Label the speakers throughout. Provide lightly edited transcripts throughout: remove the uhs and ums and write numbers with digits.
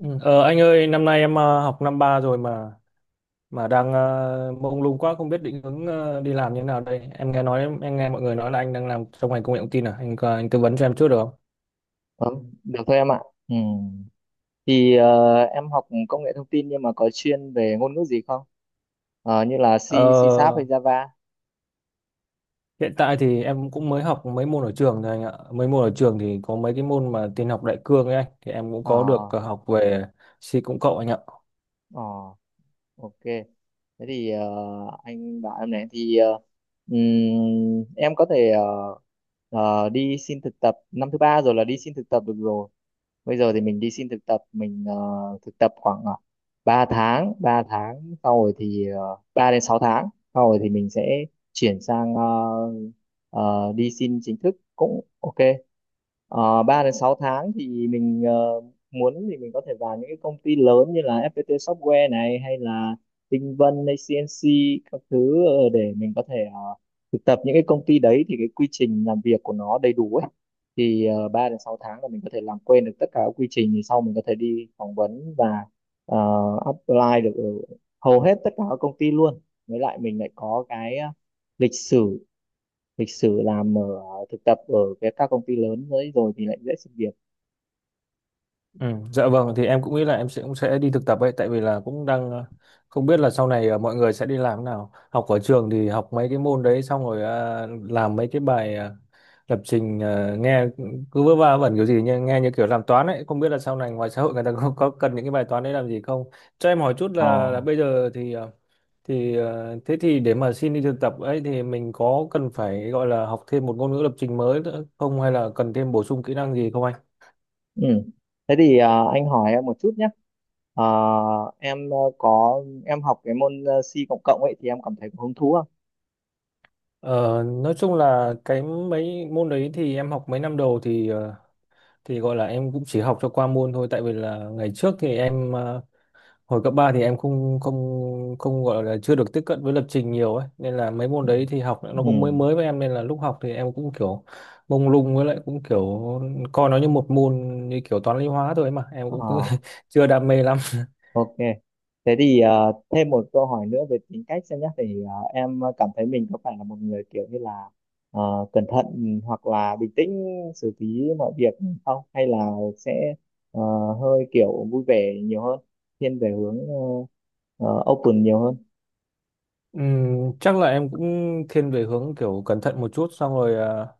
Speaker 1: Ừ. Ờ, anh ơi, năm nay em học năm ba rồi mà đang mông lung quá, không biết định hướng đi làm như thế nào đây. Em nghe nói em nghe mọi người nói là anh đang làm trong ngành công nghệ thông tin à? Anh tư vấn cho em chút được không?
Speaker 2: Vâng, được thôi em ạ. Ừ. Thì em học công nghệ thông tin nhưng mà có chuyên về ngôn ngữ gì không? Như là C, C Sharp
Speaker 1: Ờ,
Speaker 2: hay Java?
Speaker 1: hiện tại thì em cũng mới học mấy môn ở trường thôi anh ạ. Mấy môn ở trường thì có mấy cái môn mà tin học đại cương ấy anh, thì em cũng
Speaker 2: Ờ,
Speaker 1: có được học về C cộng cộng anh ạ.
Speaker 2: ờ, ok. Thế thì anh bảo em này thì em có thể đi xin thực tập năm thứ ba rồi là đi xin thực tập được rồi. Bây giờ thì mình đi xin thực tập mình thực tập khoảng 3 tháng 3 tháng sau rồi thì 3 đến 6 tháng sau rồi thì mình sẽ chuyển sang ờ, đi xin chính thức cũng ok. 3 đến 6 tháng thì mình muốn thì mình có thể vào những cái công ty lớn như là FPT Software này hay là Tinh Vân hay CNC các thứ, để mình có thể thực tập những cái công ty đấy thì cái quy trình làm việc của nó đầy đủ ấy. Thì 3 đến 6 tháng là mình có thể làm quen được tất cả các quy trình thì sau mình có thể đi phỏng vấn và ờ, apply được ở hầu hết tất cả các công ty luôn. Với lại mình lại có cái lịch sử lịch sử làm ở thực tập ở cái các công ty lớn đấy rồi thì lại dễ xin việc.
Speaker 1: Ừ, dạ vâng, thì em cũng nghĩ là em sẽ cũng sẽ đi thực tập ấy, tại vì là cũng đang không biết là sau này mọi người sẽ đi làm thế nào. Học ở trường thì học mấy cái môn đấy xong rồi làm mấy cái bài lập trình, nghe cứ vớ va vẩn kiểu gì, nhưng nghe như kiểu làm toán ấy, không biết là sau này ngoài xã hội người ta có cần những cái bài toán đấy làm gì không. Cho em hỏi chút
Speaker 2: Ờ.
Speaker 1: là bây giờ thế thì để mà xin đi thực tập ấy thì mình có cần phải gọi là học thêm một ngôn ngữ lập trình mới nữa không, hay là cần thêm bổ sung kỹ năng gì không anh?
Speaker 2: Ừ. Thế thì anh hỏi em một chút nhé. Ờ. Em có em học cái môn C cộng cộng ấy thì em cảm thấy có hứng thú không?
Speaker 1: Ờ, nói chung là cái mấy môn đấy thì em học mấy năm đầu thì gọi là em cũng chỉ học cho qua môn thôi, tại vì là ngày trước thì em hồi cấp 3 thì em không không không gọi là chưa được tiếp cận với lập trình nhiều ấy, nên là mấy môn
Speaker 2: Ừ.
Speaker 1: đấy thì học nó
Speaker 2: Ừ.
Speaker 1: cũng mới mới với em, nên là lúc học thì em cũng kiểu mông lung, với lại cũng kiểu coi nó như một môn như kiểu toán lý hóa thôi ấy mà, em cũng cứ
Speaker 2: Ờ.
Speaker 1: chưa đam mê lắm.
Speaker 2: Ok. Thế thì thêm một câu hỏi nữa về tính cách xem nhé. Thì em cảm thấy mình có phải là một người kiểu như là cẩn thận hoặc là bình tĩnh xử lý mọi việc không? Hay là sẽ ờ, hơi kiểu vui vẻ nhiều hơn, thiên về hướng open nhiều hơn?
Speaker 1: Chắc là em cũng thiên về hướng kiểu cẩn thận một chút, xong rồi ờ,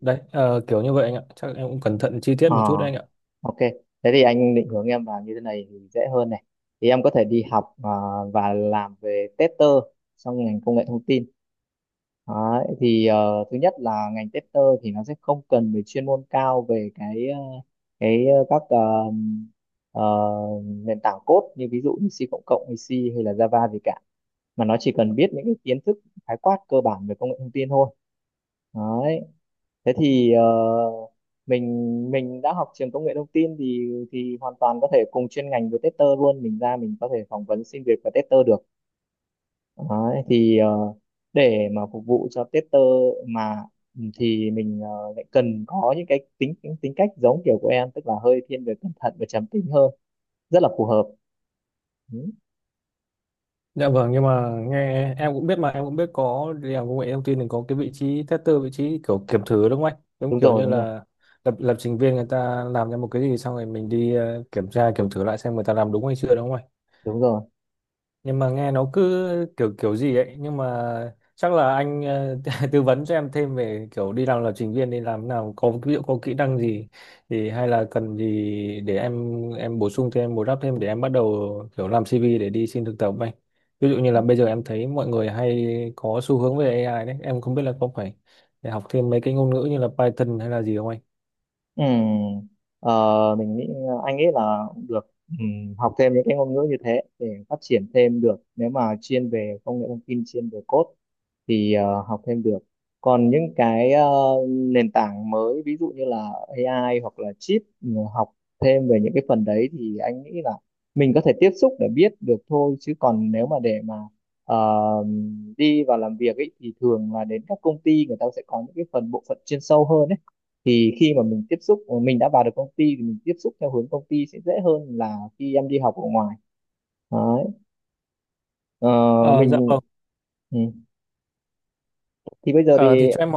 Speaker 1: đấy, ờ, kiểu như vậy anh ạ. Chắc em cũng cẩn thận chi tiết
Speaker 2: Ờ,
Speaker 1: một chút đấy anh ạ.
Speaker 2: ok. Thế thì anh định hướng em vào như thế này thì dễ hơn này. Thì em có thể đi học và làm về tester trong ngành công nghệ thông tin. Đấy, thì thứ nhất là ngành tester thì nó sẽ không cần về chuyên môn cao về cái ờ, các ờ, ờ, nền tảng code như ví dụ như C cộng cộng hay C hay là Java gì cả, mà nó chỉ cần biết những cái kiến thức khái quát cơ bản về công nghệ thông tin thôi. Đấy, thế thì mình mình đã học trường công nghệ thông tin thì hoàn toàn có thể cùng chuyên ngành với tester luôn. Mình ra mình có thể phỏng vấn xin việc và tester được. Đấy, thì để mà phục vụ cho tester mà, ừ, thì mình lại cần có những cái tính tính tính cách giống kiểu của em, tức là hơi thiên về cẩn thận và trầm tính hơn, rất là phù hợp. Ừ.
Speaker 1: Dạ vâng, nhưng mà nghe em cũng biết, mà em cũng biết có đi làm công nghệ thông tin thì có cái vị trí tester, vị trí kiểu kiểm thử đúng không anh? Giống
Speaker 2: đúng
Speaker 1: kiểu
Speaker 2: rồi
Speaker 1: như
Speaker 2: đúng rồi
Speaker 1: là lập lập trình viên người ta làm ra một cái gì xong rồi mình đi kiểm tra, kiểm thử lại xem người ta làm đúng hay chưa, đúng không anh?
Speaker 2: đúng rồi.
Speaker 1: Nhưng mà nghe nó cứ kiểu kiểu gì ấy, nhưng mà chắc là anh ờ, tư vấn cho em thêm về kiểu đi làm lập trình viên, đi làm nào có ví dụ, có kỹ năng gì, thì hay là cần gì để em bổ sung thêm, bù đắp thêm để em bắt đầu kiểu làm CV để đi xin thực tập ấy. Ví dụ như là bây giờ em thấy mọi người hay có xu hướng về AI đấy, em không biết là có phải để học thêm mấy cái ngôn ngữ như là Python hay là gì không anh?
Speaker 2: Ừ. Ờ, anh nghĩ là được. Ừ, học thêm những cái ngôn ngữ như thế để phát triển thêm được, nếu mà chuyên về công nghệ thông tin chuyên về code thì học thêm được. Còn những cái nền tảng mới ví dụ như là AI hoặc là chip, ừ, học thêm về những cái phần đấy thì anh nghĩ là mình có thể tiếp xúc để biết được thôi, chứ còn nếu mà để mà ờ, đi vào làm việc ấy thì thường là đến các công ty người ta sẽ có những cái phần bộ phận chuyên sâu hơn ấy. Thì khi mà mình tiếp xúc mình đã vào được công ty thì mình tiếp xúc theo hướng công ty sẽ dễ hơn là khi em đi học ở ngoài. Đấy. Ờ,
Speaker 1: Ờ dạ
Speaker 2: mình,
Speaker 1: vâng.
Speaker 2: ừ, thì bây giờ
Speaker 1: ờ,
Speaker 2: thì
Speaker 1: thì cho em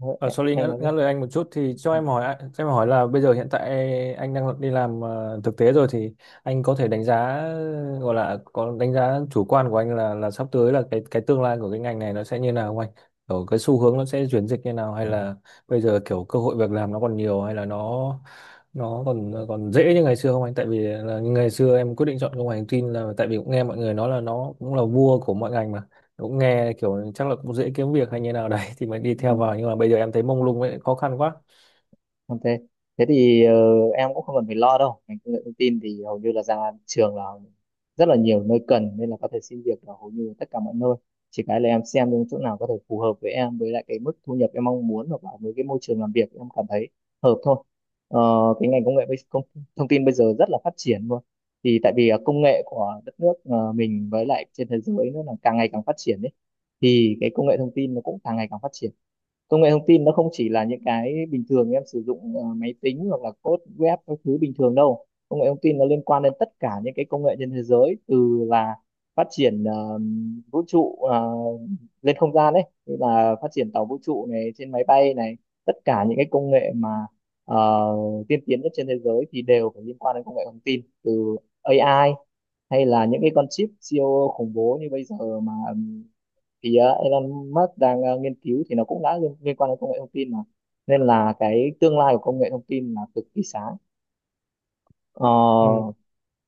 Speaker 2: ờ,
Speaker 1: Ờ, sorry
Speaker 2: em nói đi.
Speaker 1: ngắt lời anh một chút, thì cho em hỏi ạ- cho em hỏi là bây giờ hiện tại anh đang đi làm thực tế rồi, thì anh có thể đánh giá gọi là có đánh giá chủ quan của anh là sắp tới là cái tương lai của cái ngành này nó sẽ như nào không anh? Kiểu cái xu hướng nó sẽ chuyển dịch như nào, hay là bây giờ kiểu cơ hội việc làm nó còn nhiều, hay là nó còn, còn dễ như ngày xưa không anh? Tại vì là ngày xưa em quyết định chọn công nghệ thông tin là tại vì cũng nghe mọi người nói là nó cũng là vua của mọi ngành mà, cũng nghe kiểu chắc là cũng dễ kiếm việc hay như nào đấy thì mới đi
Speaker 2: Ừ.
Speaker 1: theo vào, nhưng mà bây giờ em thấy mông lung ấy, khó khăn quá.
Speaker 2: Ok. Thế thì em cũng không cần phải lo đâu. Ngành công nghệ thông tin thì hầu như là ra trường là rất là nhiều nơi cần, nên là có thể xin việc ở hầu như tất cả mọi nơi. Chỉ cái là em xem những chỗ nào có thể phù hợp với em, với lại cái mức thu nhập em mong muốn hoặc là với cái môi trường làm việc em cảm thấy hợp thôi. Ờ, cái ngành công nghệ công, thông tin bây giờ rất là phát triển luôn. Thì tại vì công nghệ của đất nước mình với lại trên thế giới nó là càng ngày càng phát triển đấy. Thì cái công nghệ thông tin nó cũng càng ngày càng phát triển. Công nghệ thông tin nó không chỉ là những cái bình thường em sử dụng máy tính hoặc là code web các thứ bình thường đâu. Công nghệ thông tin nó liên quan đến tất cả những cái công nghệ trên thế giới, từ là phát triển vũ trụ, lên không gian ấy, như là phát triển tàu vũ trụ này, trên máy bay này, tất cả những cái công nghệ mà ờ, tiên tiến nhất trên thế giới thì đều phải liên quan đến công nghệ thông tin. Từ AI hay là những cái con chip siêu khủng bố như bây giờ mà thì Elon Musk đang nghiên cứu thì nó cũng đã liên quan đến công nghệ thông tin mà, nên là cái tương lai của công nghệ thông tin là cực kỳ sáng. Ờ.
Speaker 1: Ừ.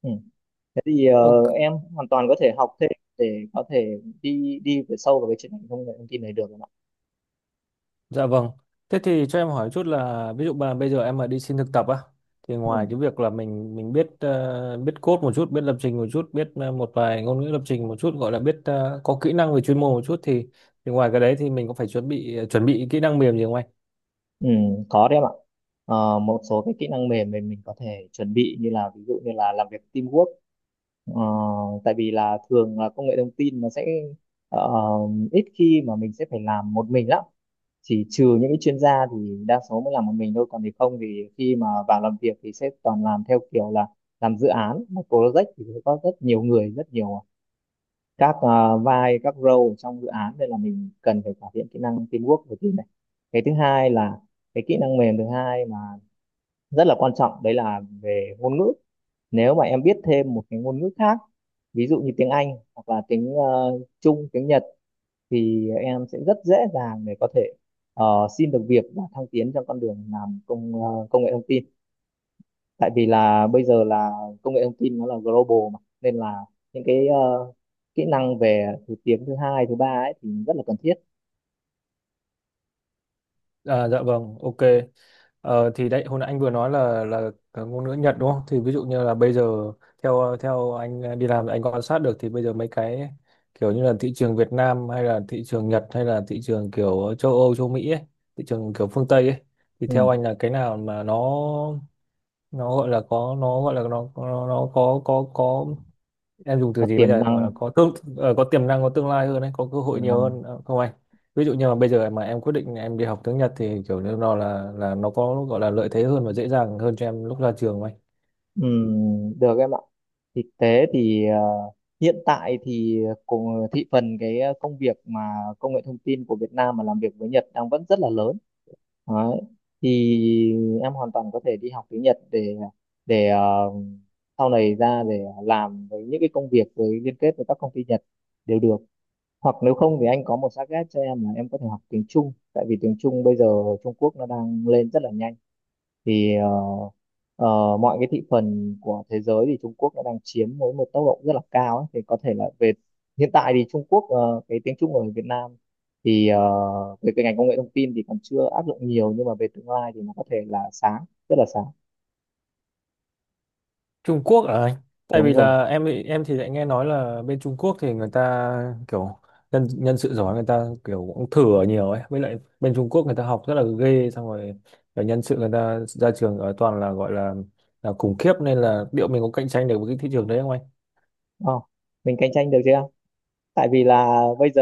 Speaker 2: Ừ. Thế thì
Speaker 1: Ok.
Speaker 2: em hoàn toàn có thể học thêm để có thể đi đi về sâu vào cái chuyên ngành công nghệ thông tin này được em ạ.
Speaker 1: Dạ vâng, thế thì cho em hỏi chút là ví dụ mà bây giờ em mà đi xin thực tập á, thì
Speaker 2: Ừ.
Speaker 1: ngoài cái việc là mình biết ờ, biết code một chút, biết lập trình một chút, biết một vài ngôn ngữ lập trình một chút, gọi là biết có kỹ năng về chuyên môn một chút, thì ngoài cái đấy thì mình có phải chuẩn bị chuẩn bị kỹ năng mềm gì không anh?
Speaker 2: Ừ, có đấy em ạ. Một số cái kỹ năng mềm mình có thể chuẩn bị, như là ví dụ như là làm việc teamwork. Ờ, tại vì là thường là công nghệ thông tin nó sẽ ờ, ít khi mà mình sẽ phải làm một mình lắm. Thì trừ những cái chuyên gia thì đa số mới làm một mình thôi, còn thì không thì khi mà vào làm việc thì sẽ toàn làm theo kiểu là làm dự án, một project thì sẽ có rất nhiều người, rất nhiều các ờ, vai các role ở trong dự án, nên là mình cần phải cải thiện kỹ năng teamwork đầu tiên này. Cái thứ hai là cái kỹ năng mềm thứ hai mà rất là quan trọng, đấy là về ngôn ngữ. Nếu mà em biết thêm một cái ngôn ngữ khác, ví dụ như tiếng Anh hoặc là tiếng Trung, tiếng Nhật thì em sẽ rất dễ dàng để có thể ờ, xin được việc và thăng tiến trong con đường làm công nghệ thông tin. Tại vì là bây giờ là công nghệ thông tin nó là global mà, nên là những cái kỹ năng về thứ tiếng thứ hai thứ ba ấy thì rất là cần thiết.
Speaker 1: À, dạ vâng, ok. Ờ, thì đấy hồi nãy anh vừa nói là cái ngôn ngữ Nhật đúng không? Thì ví dụ như là bây giờ theo theo anh à, đi làm anh quan sát được, thì bây giờ mấy cái kiểu như là thị trường Việt Nam, hay là thị trường Nhật, hay là thị trường kiểu châu Âu, châu Mỹ ấy, thị trường kiểu phương Tây ấy, thì
Speaker 2: Ừ.
Speaker 1: theo anh là cái nào mà nó gọi là có, nó gọi là nó có em dùng từ
Speaker 2: Và
Speaker 1: gì bây
Speaker 2: tiềm
Speaker 1: giờ, gọi là
Speaker 2: năng,
Speaker 1: có tương ờ, có tiềm năng, có tương lai hơn đấy, có cơ hội
Speaker 2: tiềm
Speaker 1: nhiều
Speaker 2: năng
Speaker 1: hơn ờ, không anh? Ví dụ như mà bây giờ mà em quyết định em đi học tiếng Nhật thì kiểu như nó là nó có gọi là lợi thế hơn và dễ dàng hơn cho em lúc ra trường không anh?
Speaker 2: ừ, được em ạ. Thực tế thì hiện tại thì cùng thị phần cái công việc mà công nghệ thông tin của Việt Nam mà làm việc với Nhật đang vẫn rất là lớn. Đấy. Thì em hoàn toàn có thể đi học tiếng Nhật để để ờ, sau này ra để làm với những cái công việc với liên kết với các công ty Nhật đều được. Hoặc nếu không thì anh có một target cho em là em có thể học tiếng Trung, tại vì tiếng Trung bây giờ, Trung Quốc nó đang lên rất là nhanh. Thì ờ, mọi cái thị phần của thế giới thì Trung Quốc đã đang chiếm với một tốc độ rất là cao ấy. Thì có thể là về hiện tại thì Trung Quốc, cái tiếng Trung ở Việt Nam thì về cái ngành công nghệ thông tin thì còn chưa áp dụng nhiều, nhưng mà về tương lai thì nó có thể là sáng, rất là sáng.
Speaker 1: Trung Quốc à anh? Tại
Speaker 2: Đúng
Speaker 1: vì
Speaker 2: rồi.
Speaker 1: là em thì lại nghe nói là bên Trung Quốc thì người ta kiểu nhân nhân sự giỏi người ta kiểu cũng thử ở nhiều ấy, với lại bên Trung Quốc người ta học rất là ghê, xong rồi kiểu nhân sự người ta ra trường ở toàn là gọi là khủng khiếp, nên là liệu mình có cạnh tranh được với cái thị trường đấy không anh?
Speaker 2: Ờ, mình cạnh tranh được chưa, tại vì là bây giờ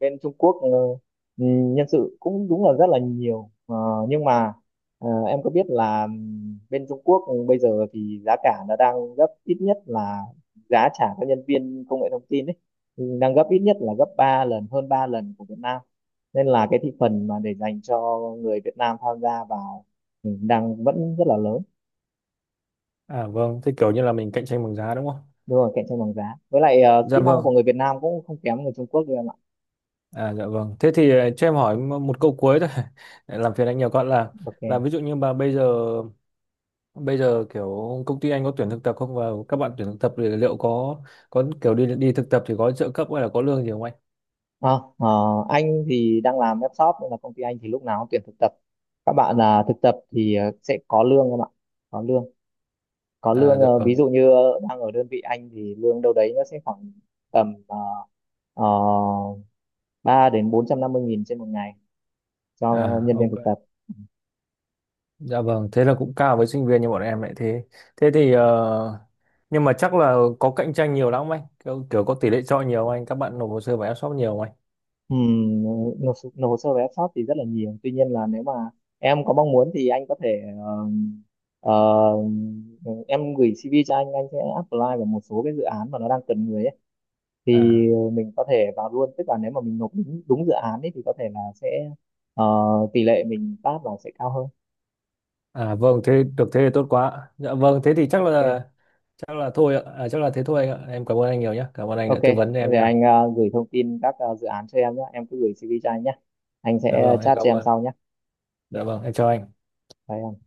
Speaker 2: bên Trung Quốc ừ, nhân sự cũng đúng là rất là nhiều. Ờ, nhưng mà em có biết là bên Trung Quốc bây giờ thì giá cả nó đang gấp ít nhất là, giá trả cho nhân viên công nghệ thông tin ấy, ừ, đang gấp ít nhất là gấp 3 lần, hơn 3 lần của Việt Nam. Nên là cái thị phần mà để dành cho người Việt Nam tham gia vào, ừ, đang vẫn rất là lớn.
Speaker 1: À vâng, thế kiểu như là mình cạnh tranh bằng giá đúng không?
Speaker 2: Đúng rồi, cạnh tranh bằng giá, với lại
Speaker 1: Dạ
Speaker 2: kỹ năng
Speaker 1: vâng.
Speaker 2: của người Việt Nam cũng không kém người Trung Quốc đâu em ạ.
Speaker 1: À dạ vâng. Thế thì ờ, cho em hỏi một câu cuối thôi. Để làm phiền anh nhiều con là, là
Speaker 2: Ok.
Speaker 1: ví dụ như bây giờ, bây giờ kiểu công ty anh có tuyển thực tập không, và các bạn tuyển thực tập thì liệu có kiểu đi đi thực tập thì có trợ cấp hay là có lương gì không anh?
Speaker 2: À, ờ, anh thì đang làm web shop nên là công ty anh thì lúc nào cũng tuyển thực tập. Các bạn là thực tập thì sẽ có lương không ạ? Có lương. Có
Speaker 1: À
Speaker 2: lương,
Speaker 1: dạ
Speaker 2: ví
Speaker 1: vâng.
Speaker 2: dụ như đang ở đơn vị anh thì lương đâu đấy nó sẽ khoảng tầm uh, 3 đến 450.000 trên một ngày cho
Speaker 1: À
Speaker 2: nhân viên
Speaker 1: ok.
Speaker 2: thực tập.
Speaker 1: Dạ vâng, thế là cũng cao với sinh viên như bọn em lại thế. Thế thì ờ, nhưng mà chắc là có cạnh tranh nhiều lắm không anh? Kiểu có tỷ lệ chọi nhiều không anh? Các bạn nộp hồ sơ vào em shop nhiều không anh?
Speaker 2: Ừm, nộp hồ sơ về web shop thì rất là nhiều. Tuy nhiên là nếu mà em có mong muốn thì anh có thể ờ, em gửi CV cho anh sẽ apply vào một số cái dự án mà nó đang cần người ấy. Thì
Speaker 1: À.
Speaker 2: mình có thể vào luôn, tức là nếu mà mình nộp đúng dự án ấy thì có thể là sẽ, ờ, tỷ lệ mình pass là sẽ cao hơn.
Speaker 1: À vâng, thế được, thế thì tốt quá. Dạ vâng, thế thì
Speaker 2: Ok.
Speaker 1: chắc là thôi ạ. À, chắc là thế thôi anh ạ. Em cảm ơn anh nhiều nhé. Cảm ơn anh
Speaker 2: Ok,
Speaker 1: đã tư
Speaker 2: thế
Speaker 1: vấn cho em
Speaker 2: để
Speaker 1: nha.
Speaker 2: anh gửi thông tin các dự án cho em nhé, em cứ gửi CV cho anh nhé, anh
Speaker 1: Dạ
Speaker 2: sẽ
Speaker 1: vâng, em
Speaker 2: chat
Speaker 1: cảm
Speaker 2: cho em
Speaker 1: ơn.
Speaker 2: sau nhé. Ok,
Speaker 1: Dạ vâng, em chào anh.
Speaker 2: bye em.